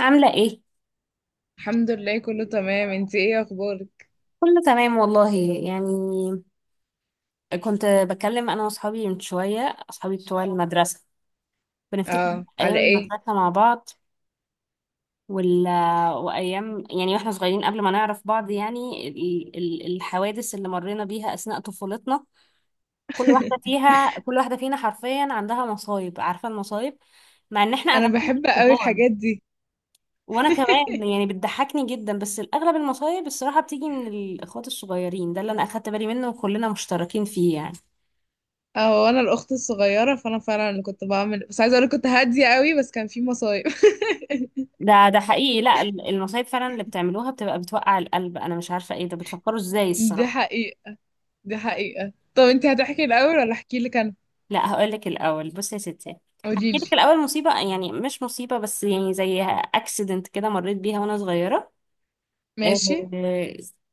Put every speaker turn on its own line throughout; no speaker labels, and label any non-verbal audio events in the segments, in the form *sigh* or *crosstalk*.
عاملة ايه؟
الحمد لله، كله تمام. انتي ايه اخبارك؟
كله تمام والله. يعني كنت بكلم انا واصحابي من شوية، اصحابي بتوع المدرسة. بنفتكر
اه، على
ايام
ايه؟
المدرسة مع بعض، وال... وايام يعني واحنا صغيرين قبل ما نعرف بعض، يعني الحوادث اللي مرينا بيها اثناء طفولتنا.
*laughs*
كل واحدة فينا حرفيا عندها مصايب، عارفة المصايب، مع ان احنا
انا
اغلبنا
بحب قوي
كبار.
الحاجات دي.
وانا كمان
*laughs*
يعني بتضحكني جدا، بس الاغلب المصايب الصراحه بتيجي من الاخوات الصغيرين، ده اللي انا اخدت بالي منه وكلنا مشتركين فيه يعني.
اه، وانا الاخت الصغيره فانا فعلا اللي كنت بعمل، بس عايزه اقول كنت هاديه قوي بس كان في مصايب.
ده حقيقي، لا المصايب فعلا اللي بتعملوها بتبقى بتوقع القلب، انا مش عارفه ايه ده، بتفكروا ازاي
*laughs* دي
الصراحه.
حقيقه. دي حقيقه. طب انتي هتحكي الاول ولا احكي لك انا؟
لا هقول لك الاول، بصي يا ستي،
قولي
هحكي
لي.
لك الاول مصيبه، يعني مش مصيبه بس يعني زي اكسيدنت كده مريت بيها وانا صغيره. آه،
ماشي.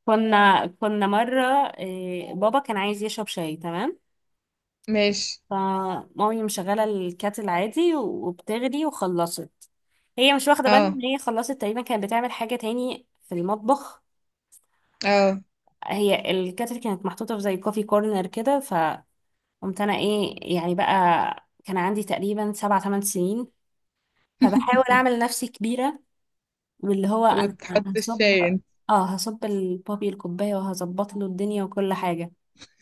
كنا مره، بابا كان عايز يشرب شاي، تمام؟
ماشي.
فمامي مشغلة الكاتل عادي وبتغلي وخلصت، هي مش واخدة بالها
اه.
ان هي خلصت، تقريبا كانت بتعمل حاجة تاني في المطبخ.
اه.
هي الكاتل كانت محطوطة في زي كوفي كورنر كده، فقمت انا، ايه يعني بقى، كان عندي تقريبا 7 8 سنين، فبحاول
*laughs*
اعمل نفسي كبيرة، واللي هو انا
وتحط
هصب،
الشاي انت؟
اه هصب البابي الكوباية وهظبط له الدنيا وكل حاجة.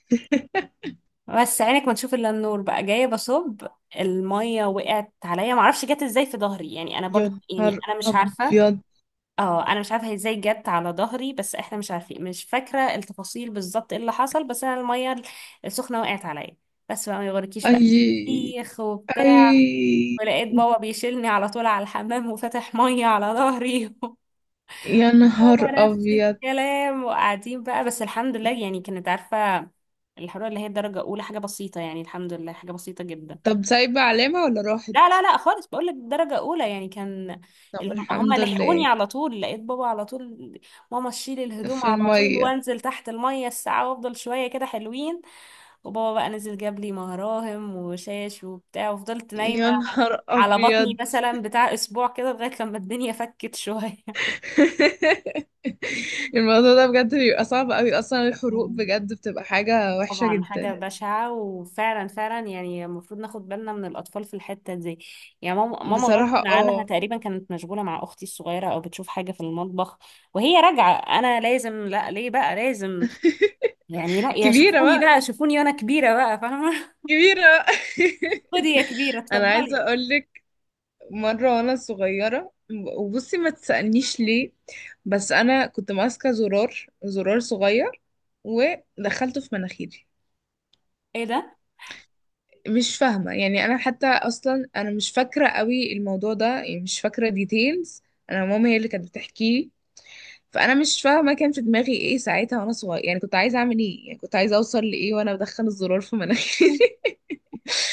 *laughs*
بس عينك ما تشوف الا النور، بقى جايه بصب، الميه وقعت عليا، معرفش جت ازاي في ظهري، يعني انا
يا
برضو
نهار ابيض.
انا مش عارفه هي ازاي جت على ظهري، بس احنا مش عارفين، مش فاكره التفاصيل بالظبط ايه اللي حصل، بس انا الميه السخنه وقعت عليا. بس بقى ما يغركيش بقى،
اي.
ايخ وبتاع،
اي.
ولقيت بابا بيشيلني على طول على الحمام وفتح ميه على ظهري. *laughs*
يا
هو
نهار
نفس
ابيض.
الكلام، وقاعدين بقى، بس الحمد لله، يعني كانت عارفة الحرارة اللي هي درجة أولى، حاجة بسيطة، يعني الحمد لله حاجة بسيطة جدا.
طب سايبة علامة ولا راحت؟
لا لا لا خالص، بقول لك درجة أولى يعني. كان
طب
هم
الحمد
لحقوني
لله.
على طول، لقيت بابا على طول، ماما تشيل الهدوم
في
على طول،
المية.
وانزل تحت المية الساعة وافضل شوية كده حلوين. وبابا بقى نزل جاب لي مراهم وشاش وبتاع، وفضلت نايمة
يا نهار
على بطني
أبيض.
مثلا بتاع أسبوع كده، لغاية لما الدنيا فكت شوية.
*laughs* الموضوع ده بجد بيبقى صعب أوي. أصلا الحروق
*laughs*
بجد بتبقى حاجة وحشة
طبعا حاجة
جدا.
بشعة، وفعلا فعلا يعني المفروض ناخد بالنا من الأطفال في الحتة دي. يعني ماما غصب
بصراحة
عنها
اه.
تقريبا كانت مشغولة مع أختي الصغيرة، أو بتشوف حاجة في المطبخ وهي راجعة. أنا لازم، لا ليه بقى لازم،
*laughs*
يعني لا يا
كبيرة
شوفوني
بقى،
بقى، شوفوني وأنا كبيرة بقى فاهمة.
كبيرة بقى.
*laughs* خدي يا كبيرة،
*laughs* أنا
اتفضلي.
عايزة أقولك، مرة وأنا صغيرة، وبصي ما تسألنيش ليه، بس أنا كنت ماسكة زرار، زرار صغير، ودخلته في مناخيري.
إيه ده؟
مش فاهمة يعني. أنا حتى أصلا أنا مش فاكرة قوي الموضوع ده، يعني مش فاكرة ديتيلز. أنا ماما هي اللي كانت بتحكيه. فأنا مش فاهمة كان في دماغي إيه ساعتها وأنا صغيرة، يعني كنت عايزة أعمل إيه، يعني كنت عايزة أوصل لإيه وأنا بدخل الزرار في مناخيري.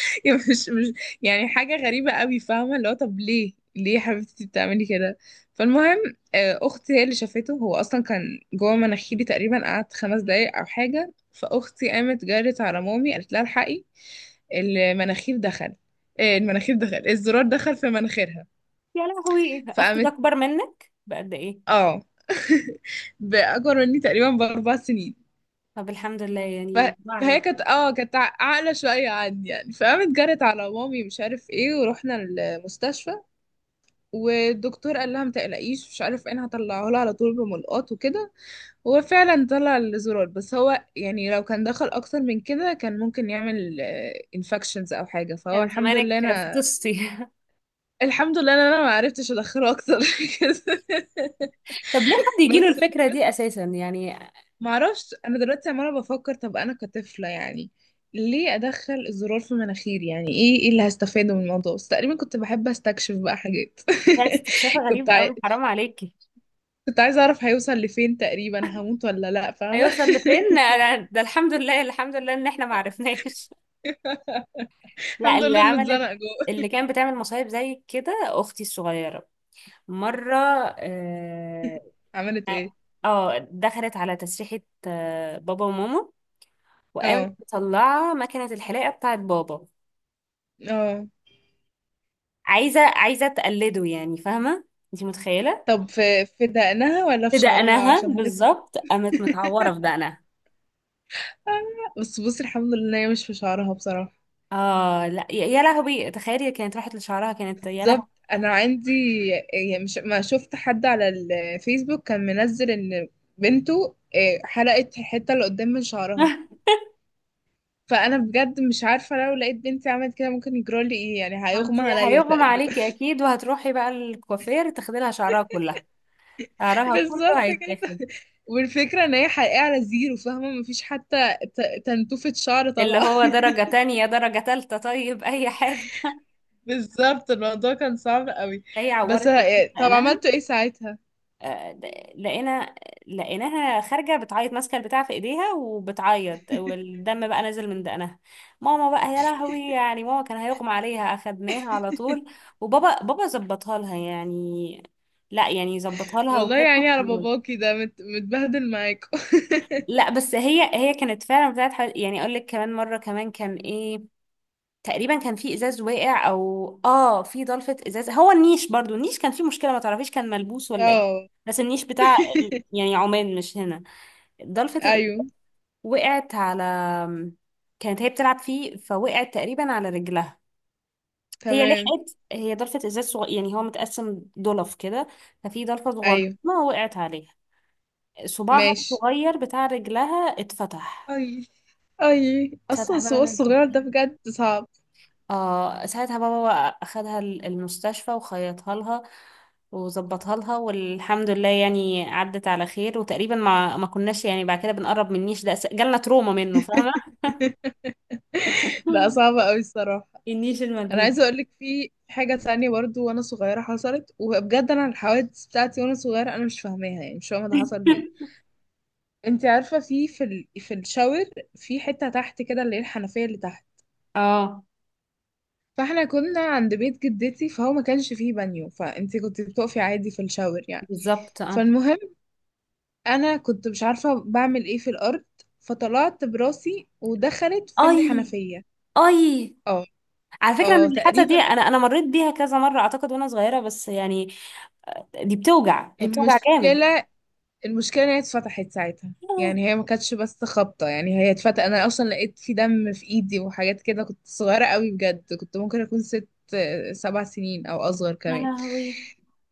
*laughs* يعني مش يعني حاجة غريبة قوي، فاهمة اللي هو طب ليه، ليه يا حبيبتي بتعملي كده. فالمهم، أختي هي اللي شافته. هو أصلا كان جوه مناخيري، تقريبا قعد 5 دقايق أو حاجة. فأختي قامت جرت على مامي قالت لها الحقي، المناخير دخل، إيه المناخير دخل، الزرار دخل في مناخيرها.
يا لهوي، أختك
فقامت،
أكبر منك بقد إيه؟
اه، *laughs* بأكبر مني تقريبا ب4 سنين.
طب الحمد لله
ف...
يعني
فهي
واعية.
كانت كانت عاقلة شوية عني يعني. فقامت جرت على مامي مش عارف ايه ورحنا المستشفى. والدكتور قال لها ما تقلقيش مش عارف ايه، انا هطلعه لها على طول بملقاط وكده. هو فعلا طلع الزرار، بس هو يعني لو كان دخل اكتر من كده كان ممكن يعمل انفكشنز او حاجة. فهو
كان
الحمد لله
زمانك
انا
فطستي. *laughs*
الحمد لله ان انا ما عرفتش ادخله اكتر *laughs* من كده.
طب ليه حد يجيله
بس
الفكرة دي أساسا يعني؟
ما اعرفش، انا دلوقتي عماله بفكر طب انا كطفله يعني ليه ادخل الزرار في مناخيري، يعني ايه اللي هستفاده من الموضوع، بس تقريبا كنت بحب استكشف بقى حاجات.
ده استكشاف
*laughs* كنت
غريب
عاي...
قوي، حرام عليكي.
كنت عايزه اعرف هيوصل لفين، تقريبا هموت ولا لا فاهمه.
هيوصل لفين انا، ده الحمد لله الحمد لله ان احنا ما عرفناش. *laughs*
*laughs*
لا،
الحمد
اللي
لله انه
عملت،
اتزنق جوه.
اللي كانت بتعمل مصايب زي كده اختي الصغيره. مره، اه،
عملت ايه؟
دخلت على تسريحه بابا وماما، وقامت
اه.
مطلعه مكنه الحلاقه بتاعت بابا،
اه.
عايزه تقلده يعني، فاهمه؟ انت متخيله؟
طب في دقنها ولا في
في
شعرها،
دقنها
عشان هتفرق.
بالظبط، قامت متعوره في دقنها.
آه. بس بصي الحمد لله إن هي مش في شعرها بصراحه.
اه لا، يا يا لهوي، تخيلي كانت راحت لشعرها كانت، يا
بالظبط.
لهوي.
انا عندي، يعني مش ما شفت حد على الفيسبوك كان منزل ان بنته حلقت الحته اللي قدام من شعرها.
*laughs*
فانا بجد مش عارفه لو لقيت بنتي عملت كده ممكن يجرالي ايه، يعني
ما انت
هيغمى عليا
هيغمى
تقريبا.
عليكي اكيد، وهتروحي بقى الكوافير تاخدي لها شعرها كلها،
*laughs*
شعرها كله
بالظبط كده.
هيتاخد.
والفكره ان هي حقيقه على زيرو، فاهمه، مفيش حتى تنتوفه شعر
اللي
طالعه.
هو
*laughs*
درجة تانية درجة تالتة، طيب اي حاجة.
بالظبط، الموضوع كان صعب قوي.
هي
بس
عورت يعني،
طب
لقيناها،
عملتوا ايه ساعتها؟
آه، د- لقينا لقيناها خارجة بتعيط، ماسكة البتاع في ايديها وبتعيط،
*laughs*
والدم بقى نازل من دقنها. ماما بقى يا لهوي، يعني ماما كان هيغمى عليها، اخدناها على طول، وبابا، ظبطها لها يعني، لا يعني ظبطها لها
والله
وكده.
يعني على باباكي ده متبهدل معاكوا. *laughs*
لا بس هي هي كانت فعلا بتاعت حوالي، يعني اقول لك كمان مره، كمان كان ايه، تقريبا كان في ازاز واقع، او اه في ضلفه ازاز، هو النيش برضو، النيش كان فيه مشكله، ما تعرفيش كان ملبوس ولا ايه،
اه.
بس النيش بتاع،
*laughs*
يعني عمان مش هنا. ضلفه ال...
ايوه.
وقعت على، كانت هي بتلعب فيه فوقعت تقريبا على رجلها. هي
تمام.
لحقت، هي ضلفه ازاز يعني هو متقسم ضلف كده، ففي ضلفه صغننه
ايوه.
وقعت عليها، صباعها
ماشي.
الصغير بتاع رجلها اتفتح.
اي. اي. اصلا
اتفتح بقى
السوق
ونزل،
الصغير ده بجد صعب.
اه ساعتها بابا بقى اخدها المستشفى وخيطها لها وظبطها لها، والحمد لله يعني عدت على خير. وتقريبا ما كناش يعني بعد كده بنقرب من النيش ده، جالنا تروما منه، فاهمة؟
*laughs* بقى صعب
*laughs*
قوي الصراحه.
النيش
انا
الموجود.
عايزه اقول لك في حاجه تانية برضو وانا صغيره حصلت، وبجد انا الحوادث بتاعتي وانا صغيره انا مش فاهماها، يعني مش فاهمه ده حصل ليه.
*laughs*
انت عارفه في الشاور، في حته تحت كده اللي هي الحنفيه اللي تحت.
اه
فاحنا كنا عند بيت جدتي فهو ما كانش فيه بانيو، فانت كنت بتقفي عادي في الشاور يعني.
بالظبط، اه
فالمهم، انا كنت مش عارفه بعمل ايه في الارض، فطلعت براسي ودخلت في
اي
الحنفيه.
اي.
اه.
على فكرة
اه.
انا الحاسة
تقريبا.
دي، انا مريت بيها كذا مرة اعتقد وانا صغيرة، بس يعني دي بتوجع، هي بتوجع جامد.
المشكله، المشكله إن هي اتفتحت ساعتها،
*laughs* آه،
يعني هي ما كانتش بس خبطه، يعني هي اتفتحت، انا اصلا لقيت في دم في ايدي وحاجات كده. كنت صغيره قوي بجد، كنت ممكن اكون ست سبع سنين او اصغر
يا
كمان.
لهوي.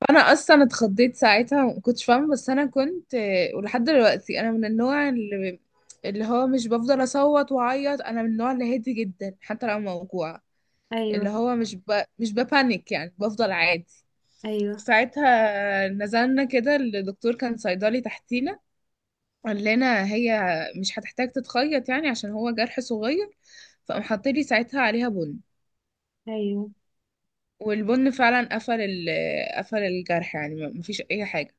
فانا اصلا اتخضيت ساعتها ما كنتش فاهمه، بس انا كنت ولحد دلوقتي انا من النوع اللي هو مش بفضل اصوت واعيط، انا من النوع اللي هادي جدا حتى لو موجوعه، اللي
ايوه،
هو مش ببانيك يعني، بفضل عادي.
ايوه
ساعتها نزلنا كده، الدكتور كان صيدلي تحتينا، قال لنا هي مش هتحتاج تتخيط يعني، عشان هو جرح صغير. فقام حاطلي ساعتها عليها بن،
ايوه.
والبن فعلا قفل الجرح، يعني مفيش اي حاجه.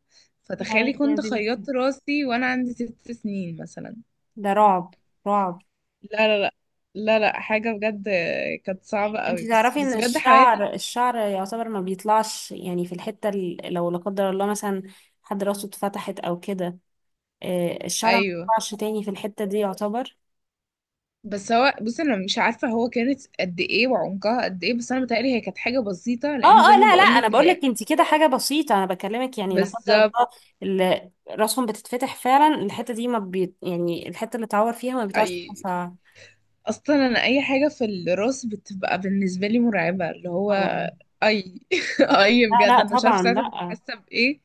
يا عيني
فتخيلي
يا
كنت
بنتي،
خيطت راسي وانا عندي 6 سنين مثلا.
ده رعب، رعب.
لا، لا، لا. لا، لا، حاجه بجد كانت صعبه قوي،
انتي
بس
تعرفي ان
بس بجد حوادث.
الشعر يعتبر ما بيطلعش، يعني في الحتة لو لا قدر الله مثلا حد راسه اتفتحت او كده، الشعر ما
ايوه.
بيطلعش تاني في الحتة دي يعتبر.
بس هو بصي انا مش عارفه هو كانت قد ايه وعمقها قد ايه، بس انا متهيألي هي كانت حاجه بسيطه،
اه
لان زي
اه،
ما
لا لا، انا
بقولك
بقول لك
هي.
انتي كده حاجة بسيطة، انا بكلمك يعني لا قدر الله
بالظبط.
راسهم بتتفتح فعلا. الحتة دي ما بي يعني، الحتة اللي اتعور فيها ما بيطلعش
اي.
فيها شعر.
اصلا انا اي حاجه في الراس بتبقى بالنسبه لي مرعبه، اللي هو
طبعا،
اي. *laughs* اي،
لا
بجد
لا
انا مش عارفه
طبعا
ساعتها كنت
لا،
حاسه بايه.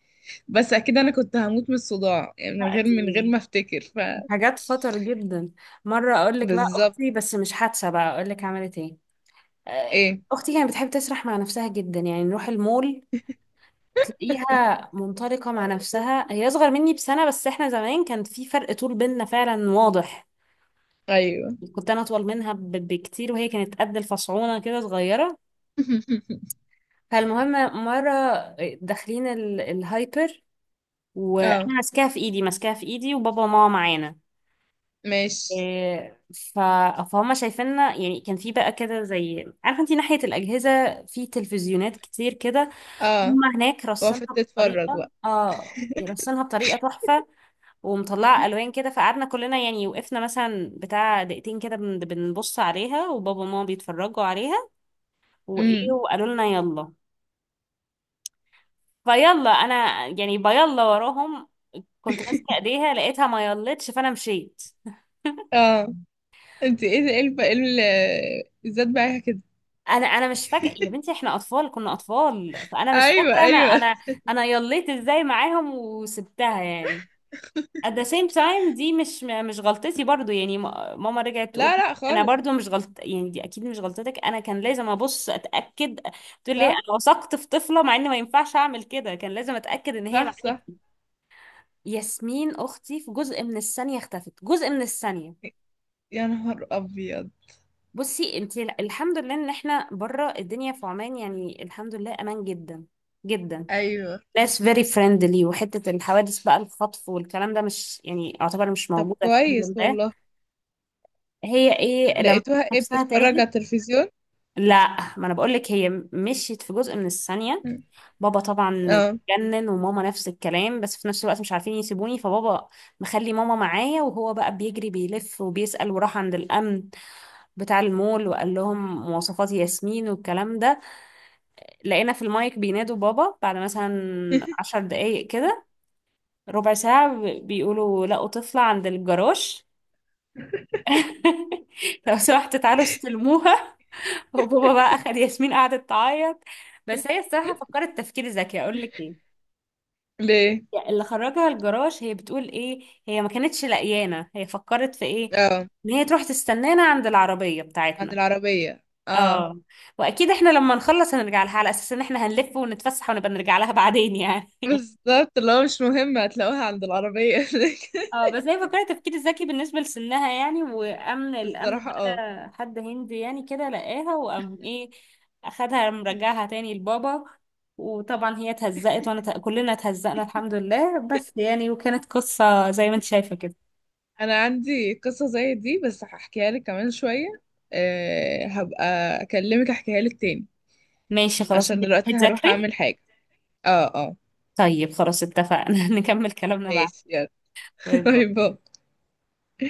بس اكيد انا كنت هموت من الصداع، يعني من
لا
غير من غير
دي
ما افتكر.
حاجات خطر جدا. مرة اقول لك بقى
بالظبط.
اختي، بس مش حادثة بقى، اقول لك عملت ايه. آه،
ايه؟
اختي كانت بتحب تسرح مع نفسها جدا، يعني نروح المول تلاقيها منطلقة مع نفسها. هي اصغر مني بسنة، بس احنا زمان كان في فرق طول بيننا فعلا واضح،
ايوه.
كنت انا اطول منها بكتير، وهي كانت قد الفصعونة كده صغيرة.
*laughs*
فالمهم، مرة داخلين الهايبر، وانا
اه.
ماسكاها في ايدي، ماسكاها في ايدي وبابا وماما معانا.
ماشي.
إيه، ف- فهم شايفيننا، يعني كان في بقى كده زي، عارفه انت ناحيه الاجهزه في تلفزيونات كتير كده،
اه.
هم هناك
وقفت
رسمها
تتفرج
بطريقة،
بقى.
رسمها بطريقة تحفة، ومطلعة ألوان كده. فقعدنا كلنا يعني، وقفنا مثلا بتاع دقيقتين كده بنبص عليها، وبابا وماما بيتفرجوا عليها، وإيه
امم
وقالوا لنا يلا. فيلا أنا يعني بيلا وراهم، كنت ماسكة
*laughs*
إيديها لقيتها ما يلتش، فأنا مشيت.
اه، انت ايه ده، ايه الذات بقى كده؟
أنا مش فاكرة يا بنتي، إحنا أطفال، كنا أطفال، فأنا مش
ايوه،
فاكرة أنا
ايوه.
أنا أنا يليت إزاي معاهم وسبتها يعني. at the same time دي مش غلطتي برضو يعني، ماما رجعت تقول
لا، لا،
انا
خالص.
برضو مش غلط، يعني دي اكيد مش غلطتك، انا كان لازم ابص اتاكد. تقول لي
صح،
انا وثقت في طفله، مع ان ما ينفعش اعمل كده، كان لازم اتاكد ان هي
صح،
معاكي.
صح.
ياسمين اختي في جزء من الثانيه اختفت، جزء من الثانيه.
يا نهار ابيض.
بصي انت الحمد لله ان احنا بره الدنيا في عمان، يعني الحمد لله امان جدا جدا،
ايوه.
ناس very friendly، وحته الحوادث بقى الخطف والكلام ده مش يعني، اعتبر مش
طب
موجوده الحمد
كويس
لله.
والله.
هي ايه لما
لقيتوها ايه،
نفسها
بتتفرج على
تاهت؟
التلفزيون؟
لا ما انا بقول لك، هي مشيت في جزء من الثانية. بابا طبعا
اه.
اتجنن وماما نفس الكلام، بس في نفس الوقت مش عارفين يسيبوني، فبابا مخلي ماما معايا، وهو بقى بيجري بيلف وبيسأل، وراح عند الأمن بتاع المول وقال لهم مواصفات ياسمين والكلام ده. لقينا في المايك بينادوا بابا بعد مثلا 10 دقايق كده، ربع ساعة، بيقولوا لقوا طفلة عند الجراج. *laughs* لو سمحت تعالوا استلموها. وبابا بقى اخد ياسمين، قعدت تعيط. بس هي الصراحه
*laughs*
فكرت تفكير ذكي، اقول لك ايه،
ليه؟
يعني اللي خرجها الجراج هي بتقول ايه، هي ما كانتش لقيانه، هي فكرت في ايه،
اه.
ان هي تروح تستنانا عند العربيه
عند
بتاعتنا.
العربية، اه.
اه، واكيد احنا لما نخلص هنرجع لها، على اساس ان احنا هنلف ونتفسح ونبقى نرجع لها بعدين يعني.
بالظبط، اللي هو مش مهم، هتلاقوها عند العربية.
اه بس هي فكرة تفكير ذكي بالنسبة لسنها يعني. وأمن،
*laughs*
الأمن
بصراحة اه.
بقى حد هندي يعني كده لقاها، وقام ايه، أخدها مرجعها تاني لبابا. وطبعا هي اتهزقت، وانا كلنا اتهزقنا الحمد لله، بس يعني، وكانت قصة زي ما انت شايفة كده.
انا عندي قصة زي دي، بس هحكيها لك كمان شوية. أه، هبقى اكلمك احكيها لك تاني،
ماشي خلاص،
عشان
انت
دلوقتي هروح
هتذاكري؟
اعمل حاجة. اه. اه.
طيب خلاص اتفقنا، *laughs* نكمل كلامنا بعد.
ماشي، يلا. *laughs*
باي
باي
باي.
باي.